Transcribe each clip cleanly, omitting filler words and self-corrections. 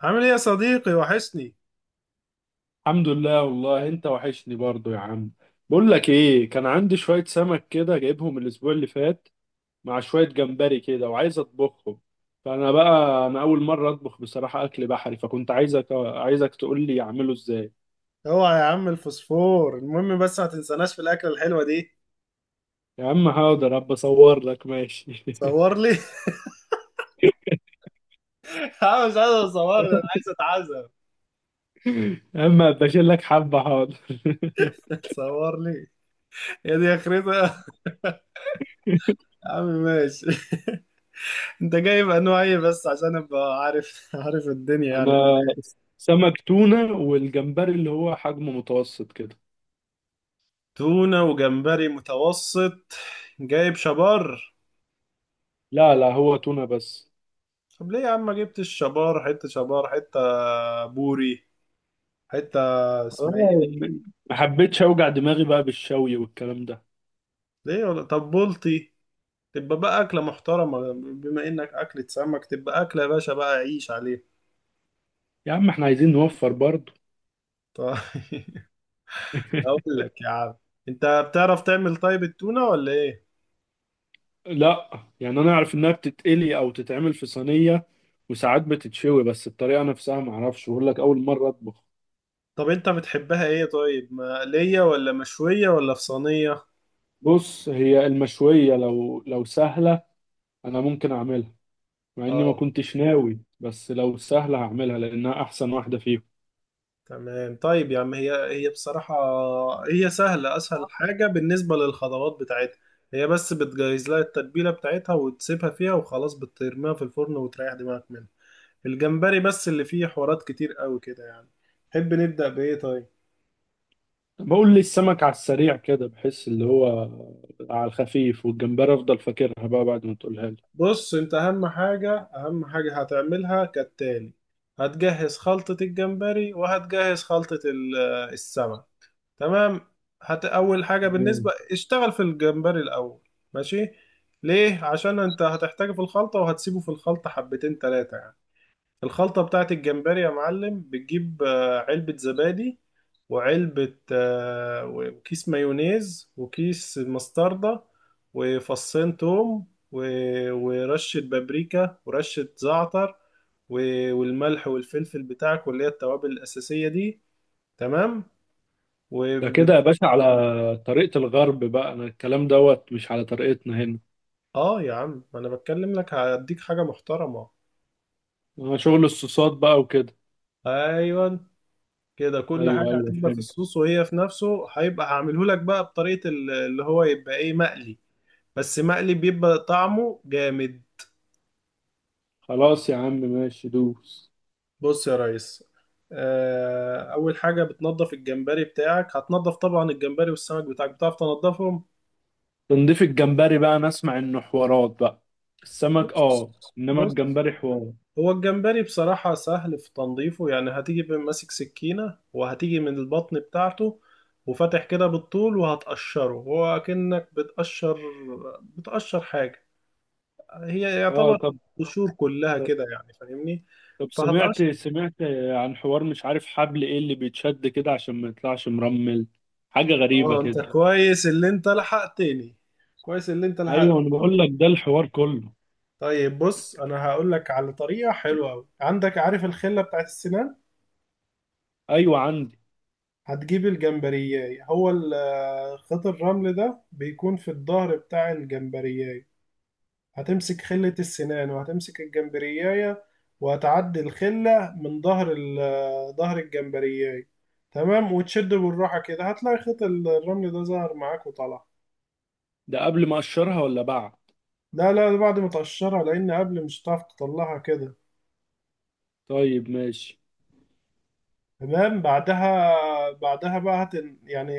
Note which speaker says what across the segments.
Speaker 1: عامل ايه يا صديقي؟ وحشني.
Speaker 2: الحمد لله، والله انت وحشني برضو يا عم. بقول لك ايه، كان عندي شوية سمك كده جايبهم الاسبوع اللي فات، مع شوية جمبري كده وعايز اطبخهم. فانا بقى انا اول مرة اطبخ بصراحة اكل بحري، فكنت عايزك تقول لي اعمله ازاي.
Speaker 1: اوعى يا عم الفوسفور. المهم بس ما تنساناش في الاكله الحلوه دي.
Speaker 2: يا عم حاضر، ابقى اصور لك ماشي.
Speaker 1: صور لي. انا مش عايز اصور لي، انا عايز اتعزم.
Speaker 2: يا عم ابقى اشيل لك حبة، حاضر.
Speaker 1: صور لي. يا دي اخرتها. يا عم ماشي. انت جايب انواع ايه بس عشان ابقى عارف الدنيا يعني.
Speaker 2: انا سمك تونة، والجمبري اللي هو حجمه متوسط كده.
Speaker 1: تونه وجمبري متوسط. جايب شبار؟
Speaker 2: لا لا، هو تونة بس.
Speaker 1: طب ليه يا عم ما جبتش شبار؟ حته شبار، حته بوري، حته اسمها
Speaker 2: والله،
Speaker 1: ايه دي؟
Speaker 2: يعني ما حبيتش اوجع دماغي بقى بالشوي والكلام ده.
Speaker 1: ليه؟ ولا طب بلطي؟ تبقى بقى أكلة محترمة، بما إنك أكلة سمك تبقى أكلة يا باشا بقى، عيش عليها.
Speaker 2: يا عم احنا عايزين نوفر برضه.
Speaker 1: طيب. أقول لك يا عم، أنت بتعرف تعمل طيب التونة ولا إيه؟
Speaker 2: لا يعني انا اعرف انها بتتقلي او تتعمل في صينيه، وساعات بتتشوي، بس الطريقه نفسها ما اعرفش، بقول لك اول مره اطبخ.
Speaker 1: طب أنت بتحبها إيه طيب؟ مقلية ولا مشوية ولا في صينية؟
Speaker 2: بص هي المشويه لو سهله انا ممكن اعملها، مع اني ما
Speaker 1: آه،
Speaker 2: كنتش ناوي، بس لو سهله هعملها لانها احسن واحده فيهم.
Speaker 1: تمام. طيب يا عم، هي هي بصراحة هي سهلة، أسهل حاجة بالنسبة للخطوات بتاعتها. هي بس بتجهز لها التتبيلة بتاعتها وتسيبها فيها وخلاص، بترميها في الفرن وتريح دماغك منها. الجمبري بس اللي فيه حوارات كتير قوي كده يعني. تحب نبدأ بإيه طيب؟
Speaker 2: بقول لي السمك على السريع كده، بحس اللي هو على الخفيف، والجمبري افضل فاكرها بقى بعد ما تقولها
Speaker 1: بص، انت اهم حاجة هتعملها كالتالي: هتجهز خلطة الجمبري وهتجهز خلطة السمك. تمام. هت اول حاجة
Speaker 2: لي.
Speaker 1: بالنسبة اشتغل في الجمبري الاول. ماشي. ليه؟ عشان انت هتحتاجه في الخلطة وهتسيبه في الخلطة حبتين تلاتة يعني. الخلطة بتاعت الجمبري يا معلم بتجيب علبة زبادي، وعلبة وكيس مايونيز وكيس مستردة، وفصين توم ورشة بابريكا، ورشة زعتر، والملح والفلفل بتاعك، واللي هي التوابل الأساسية دي. تمام. و...
Speaker 2: ده كده يا باشا على طريقة الغرب بقى، انا الكلام دوت مش على طريقتنا هنا.
Speaker 1: اه يا عم ما انا بتكلم لك هديك حاجة محترمة.
Speaker 2: انا شغل الصوصات بقى وكده.
Speaker 1: ايوه، كده كل حاجة
Speaker 2: ايوه ايوه،
Speaker 1: هتبقى في
Speaker 2: فهمت.
Speaker 1: الصوص وهي في نفسه، هيبقى هعمله لك بقى بطريقة اللي هو يبقى ايه، مقلي. بس مقلي بيبقى طعمه جامد.
Speaker 2: خلاص يا عم ماشي، دوس.
Speaker 1: بص يا ريس، أول حاجة بتنضف الجمبري بتاعك. هتنضف طبعا الجمبري والسمك بتاعك، بتعرف تنضفهم.
Speaker 2: تنضيف الجمبري بقى انا اسمع انه حوارات بقى. السمك
Speaker 1: بص
Speaker 2: اه، انما
Speaker 1: بص.
Speaker 2: الجمبري حوار.
Speaker 1: هو الجمبري بصراحة سهل في تنظيفه، يعني هتيجي ماسك سكينة وهتيجي من البطن بتاعته، وفاتح كده بالطول وهتقشره، هو كأنك بتقشر حاجة، هي
Speaker 2: اه،
Speaker 1: يعتبر
Speaker 2: طب
Speaker 1: قشور كلها
Speaker 2: طب
Speaker 1: كده يعني، فاهمني؟
Speaker 2: طب، سمعت
Speaker 1: فهتقش
Speaker 2: سمعت عن حوار، مش عارف حبل ايه اللي بيتشد كده عشان ما يطلعش مرمل، حاجة غريبة
Speaker 1: اه انت
Speaker 2: كده.
Speaker 1: كويس اللي انت لحقتني كويس اللي انت
Speaker 2: ايوه
Speaker 1: لحقتني
Speaker 2: انا بقول لك ده الحوار كله.
Speaker 1: طيب بص، انا هقول لك على طريقه حلوه قوي. عندك عارف الخله بتاعت السنان؟
Speaker 2: ايوه عندي.
Speaker 1: هتجيب الجمبرياي، هو خيط الرمل ده بيكون في الظهر بتاع الجمبرياي. هتمسك خلة السنان وهتمسك الجمبرياية، وهتعدي الخلة من ظهر ظهر الجمبرياية. تمام، وتشد بالراحة كده هتلاقي خيط الرمل ده ظهر معاك وطلع.
Speaker 2: ده قبل ما اقشرها ولا بعد؟
Speaker 1: لا لا، ده بعد ما تقشرها، لأن قبل مش هتعرف تطلعها كده.
Speaker 2: طيب ماشي.
Speaker 1: تمام، بعدها. بعدها بقى هت يعني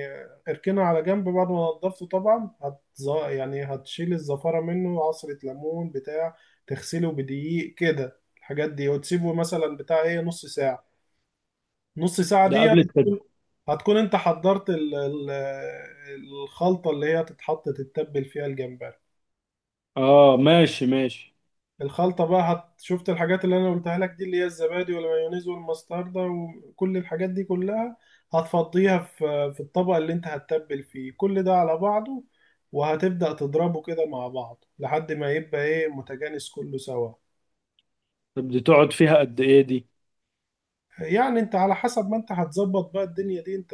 Speaker 1: اركنها على جنب بعد ما نضفته طبعا. هت يعني هتشيل الزفارة منه، عصرة ليمون بتاع، تغسله بدقيق كده الحاجات دي، وتسيبه مثلا بتاع ايه، نص ساعة. نص ساعة
Speaker 2: ده
Speaker 1: دي
Speaker 2: قبل
Speaker 1: هتكون، انت حضرت الخلطة اللي هي هتتحط تتبل فيها الجمبري.
Speaker 2: اه ماشي ماشي.
Speaker 1: الخلطة بقى هت... شفت الحاجات اللي انا قلتها لك دي، اللي هي الزبادي والمايونيز والمستردة وكل الحاجات دي كلها، هتفضيها في الطبق اللي انت هتتبل فيه كل ده على بعضه. وهتبدأ تضربه كده مع بعض لحد ما يبقى ايه، متجانس كله سوا.
Speaker 2: طب دي تقعد فيها قد ايه دي؟
Speaker 1: يعني انت على حسب ما انت هتظبط بقى الدنيا دي انت،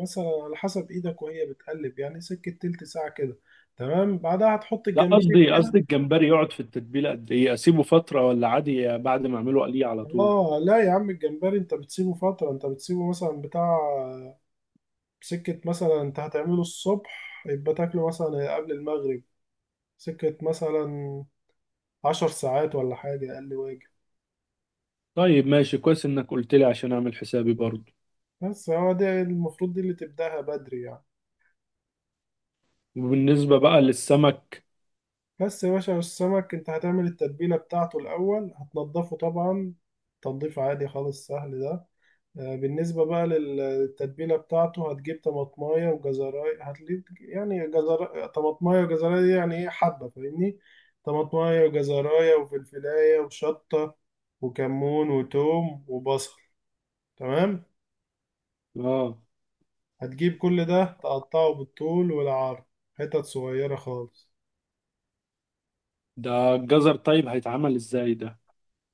Speaker 1: مثلا على حسب ايدك وهي بتقلب، يعني سكة تلت ساعة كده. تمام، بعدها هتحط
Speaker 2: لا،
Speaker 1: الجمبري
Speaker 2: قصدي
Speaker 1: فيها.
Speaker 2: قصدي، الجمبري يقعد في التتبيله قد ايه، اسيبه فتره ولا عادي بعد ما اعمله قليه على طول؟
Speaker 1: اه لا يا عم، الجمبري انت بتسيبه فترة، انت بتسيبه مثلا بتاع سكة، مثلا انت هتعمله الصبح يبقى تاكله مثلا قبل المغرب. سكة مثلا عشر ساعات ولا حاجة اقل، واجب.
Speaker 2: طيب ماشي، كويس انك قلت لي عشان اعمل حسابي برضو.
Speaker 1: بس هو ده المفروض، دي اللي تبدأها بدري يعني.
Speaker 2: وبالنسبه بقى للسمك.
Speaker 1: بس يا باشا السمك، انت هتعمل التتبيلة بتاعته الأول. هتنضفه طبعا، تنظيف عادي خالص، سهل ده. بالنسبة بقى للتتبيلة بتاعته، هتجيب طماطماية وجزراية، هتجيب يعني جزر. طماطماية وجزراية دي يعني ايه، حبة، فاهمني؟ طماطماية وجزراية وفلفلاية وشطة، وكمون وتوم وبصل. تمام.
Speaker 2: اه.
Speaker 1: هتجيب كل ده تقطعه بالطول والعرض، حتت صغيرة خالص.
Speaker 2: ده الجزر طيب هيتعمل ازاي ده؟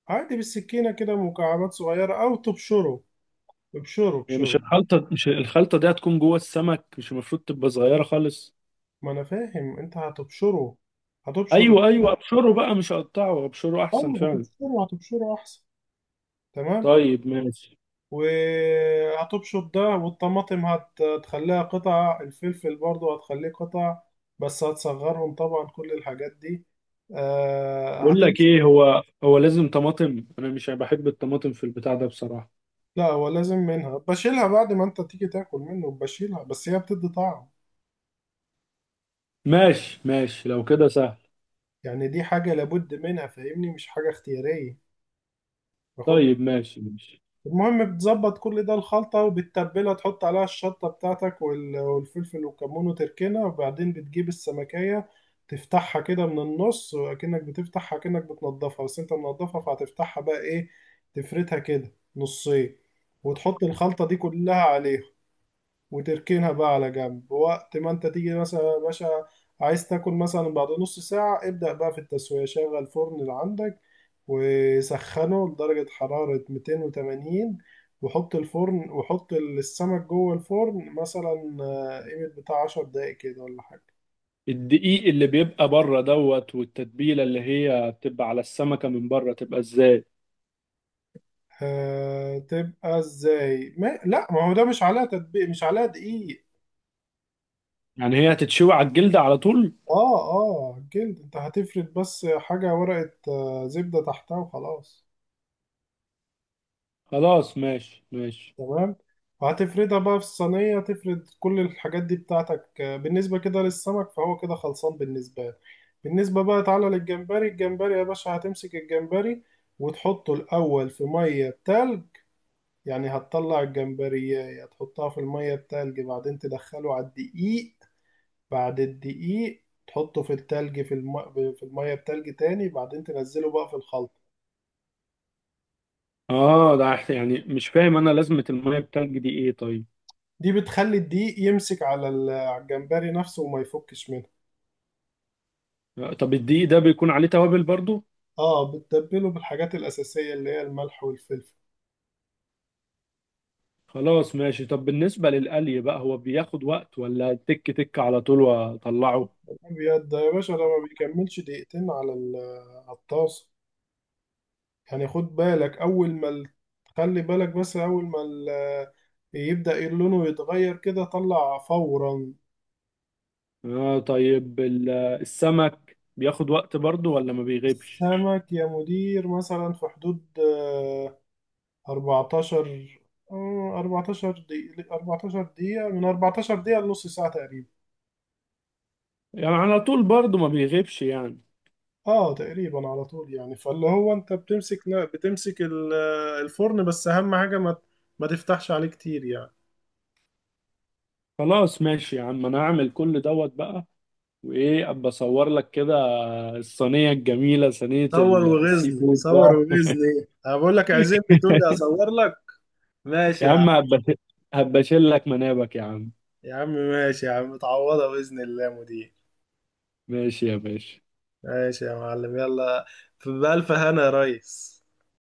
Speaker 1: عادي بالسكينة كده، مكعبات صغيرة أو تبشره. ابشروا
Speaker 2: هي
Speaker 1: ابشروا.
Speaker 2: مش الخلطه، مش الخلطه دي هتكون جوه السمك، مش المفروض تبقى صغيره خالص؟
Speaker 1: ما انا فاهم، انت هتبشره. هتبشر
Speaker 2: ايوه ايوه، ابشره بقى مش اقطعه، ابشره
Speaker 1: اه
Speaker 2: احسن فعلا.
Speaker 1: هتبشره احسن. تمام.
Speaker 2: طيب ماشي.
Speaker 1: وهتبشر ده، والطماطم هتخليها قطع، الفلفل برضو هتخليه قطع، بس هتصغرهم طبعا كل الحاجات دي. آه،
Speaker 2: بقول لك
Speaker 1: هتمسك.
Speaker 2: ايه، هو لازم طماطم؟ انا مش بحب الطماطم في البتاع ده بصراحة.
Speaker 1: لا هو لازم منها، بشيلها بعد ما انت تيجي تاكل منه، بشيلها، بس هي بتدي طعم.
Speaker 2: ماشي ماشي لو كده سهل.
Speaker 1: يعني دي حاجة لابد منها، فاهمني، مش حاجة اختيارية. باخد.
Speaker 2: طيب ماشي ماشي.
Speaker 1: المهم بتظبط كل ده الخلطة وبتتبلها، تحط عليها الشطة بتاعتك والفلفل والكمون، وتركنها، وبعدين بتجيب السمكية. تفتحها كده من النص، وأكنك بتفتحها كأنك بتنضفها، بس انت منضفها، فهتفتحها بقى ايه، تفردها كده نصين، وتحط الخلطة دي كلها عليها، وتركنها بقى على جنب. وقت ما انت تيجي مثلا يا باشا عايز تاكل مثلا بعد نص ساعة، ابدأ بقى في التسوية. شغل الفرن اللي عندك وسخنه لدرجة حرارة 280، وحط الفرن وحط السمك جوه الفرن مثلا قيمة بتاع 10 دقايق كده ولا حاجة.
Speaker 2: الدقيق اللي بيبقى بره دوت، والتتبيلة اللي هي بتبقى على السمكة من بره تبقى ازاي؟
Speaker 1: آه تبقى ازاي؟ ما لا ما هو ده مش عليها تطبيق، مش عليها دقيق.
Speaker 2: يعني هي هتتشوي على الجلدة على طول؟
Speaker 1: اه، جلد، انت هتفرد بس حاجة ورقة زبدة تحتها وخلاص.
Speaker 2: خلاص ماشي ماشي.
Speaker 1: تمام. وهتفردها بقى في الصينية، تفرد كل الحاجات دي بتاعتك. بالنسبة كده للسمك فهو كده خلصان بالنسبة لك. بالنسبة بقى تعالى للجمبري، الجمبري يا باشا هتمسك الجمبري وتحطه الأول في مية بتلج. يعني هتطلع الجمبرية هتحطها في المية بتلج، بعدين تدخله على الدقيق، بعد الدقيق تحطه في التلج في في المية بتلج تاني، بعدين تنزله بقى في الخلطة.
Speaker 2: اه ده يعني مش فاهم انا، لازمة المية التلج دي ايه طيب؟
Speaker 1: دي بتخلي الدقيق يمسك على على الجمبري نفسه وما يفكش منه.
Speaker 2: طب الدقيق ده بيكون عليه توابل برضو؟
Speaker 1: اه، بتتبله بالحاجات الأساسية اللي هي الملح والفلفل
Speaker 2: خلاص ماشي. طب بالنسبة للقلي بقى، هو بياخد وقت ولا تك تك على طول واطلعه؟
Speaker 1: الأبيض ده يا باشا. ده ما بيكملش دقيقتين على على الطاسة. يعني خد بالك أول ما خلي بالك بس أول ما يبدأ لونه يتغير كده طلع فورا.
Speaker 2: آه طيب، السمك بياخد وقت برضه ولا ما بيغيبش؟
Speaker 1: السمك يا مدير مثلا في حدود آه، 14 آه، 14 دقيقة، من 14 دقيقة لنص ساعة تقريبا.
Speaker 2: يعني على طول برضه ما بيغيبش يعني؟
Speaker 1: اه تقريبا على طول يعني. فاللي هو انت بتمسك الفرن، بس اهم حاجه ما تفتحش عليه كتير يعني.
Speaker 2: خلاص ماشي يا عم، انا هعمل كل دوت بقى. وايه، ابقى اصور لك كده الصينيه الجميله، صينيه
Speaker 1: صور
Speaker 2: السي
Speaker 1: وغزني،
Speaker 2: فود
Speaker 1: صور
Speaker 2: بقى.
Speaker 1: وغزني. انا بقول لك عزمني تقول لي اصور لك. ماشي
Speaker 2: يا
Speaker 1: يا
Speaker 2: عم
Speaker 1: عم.
Speaker 2: هبقى اشيل لك منابك يا عم.
Speaker 1: يا عم ماشي. يا عم متعوضه باذن الله يا مدير.
Speaker 2: ماشي يا باشا.
Speaker 1: ماشي يا معلم، يلا. في بألف هنا يا ريس.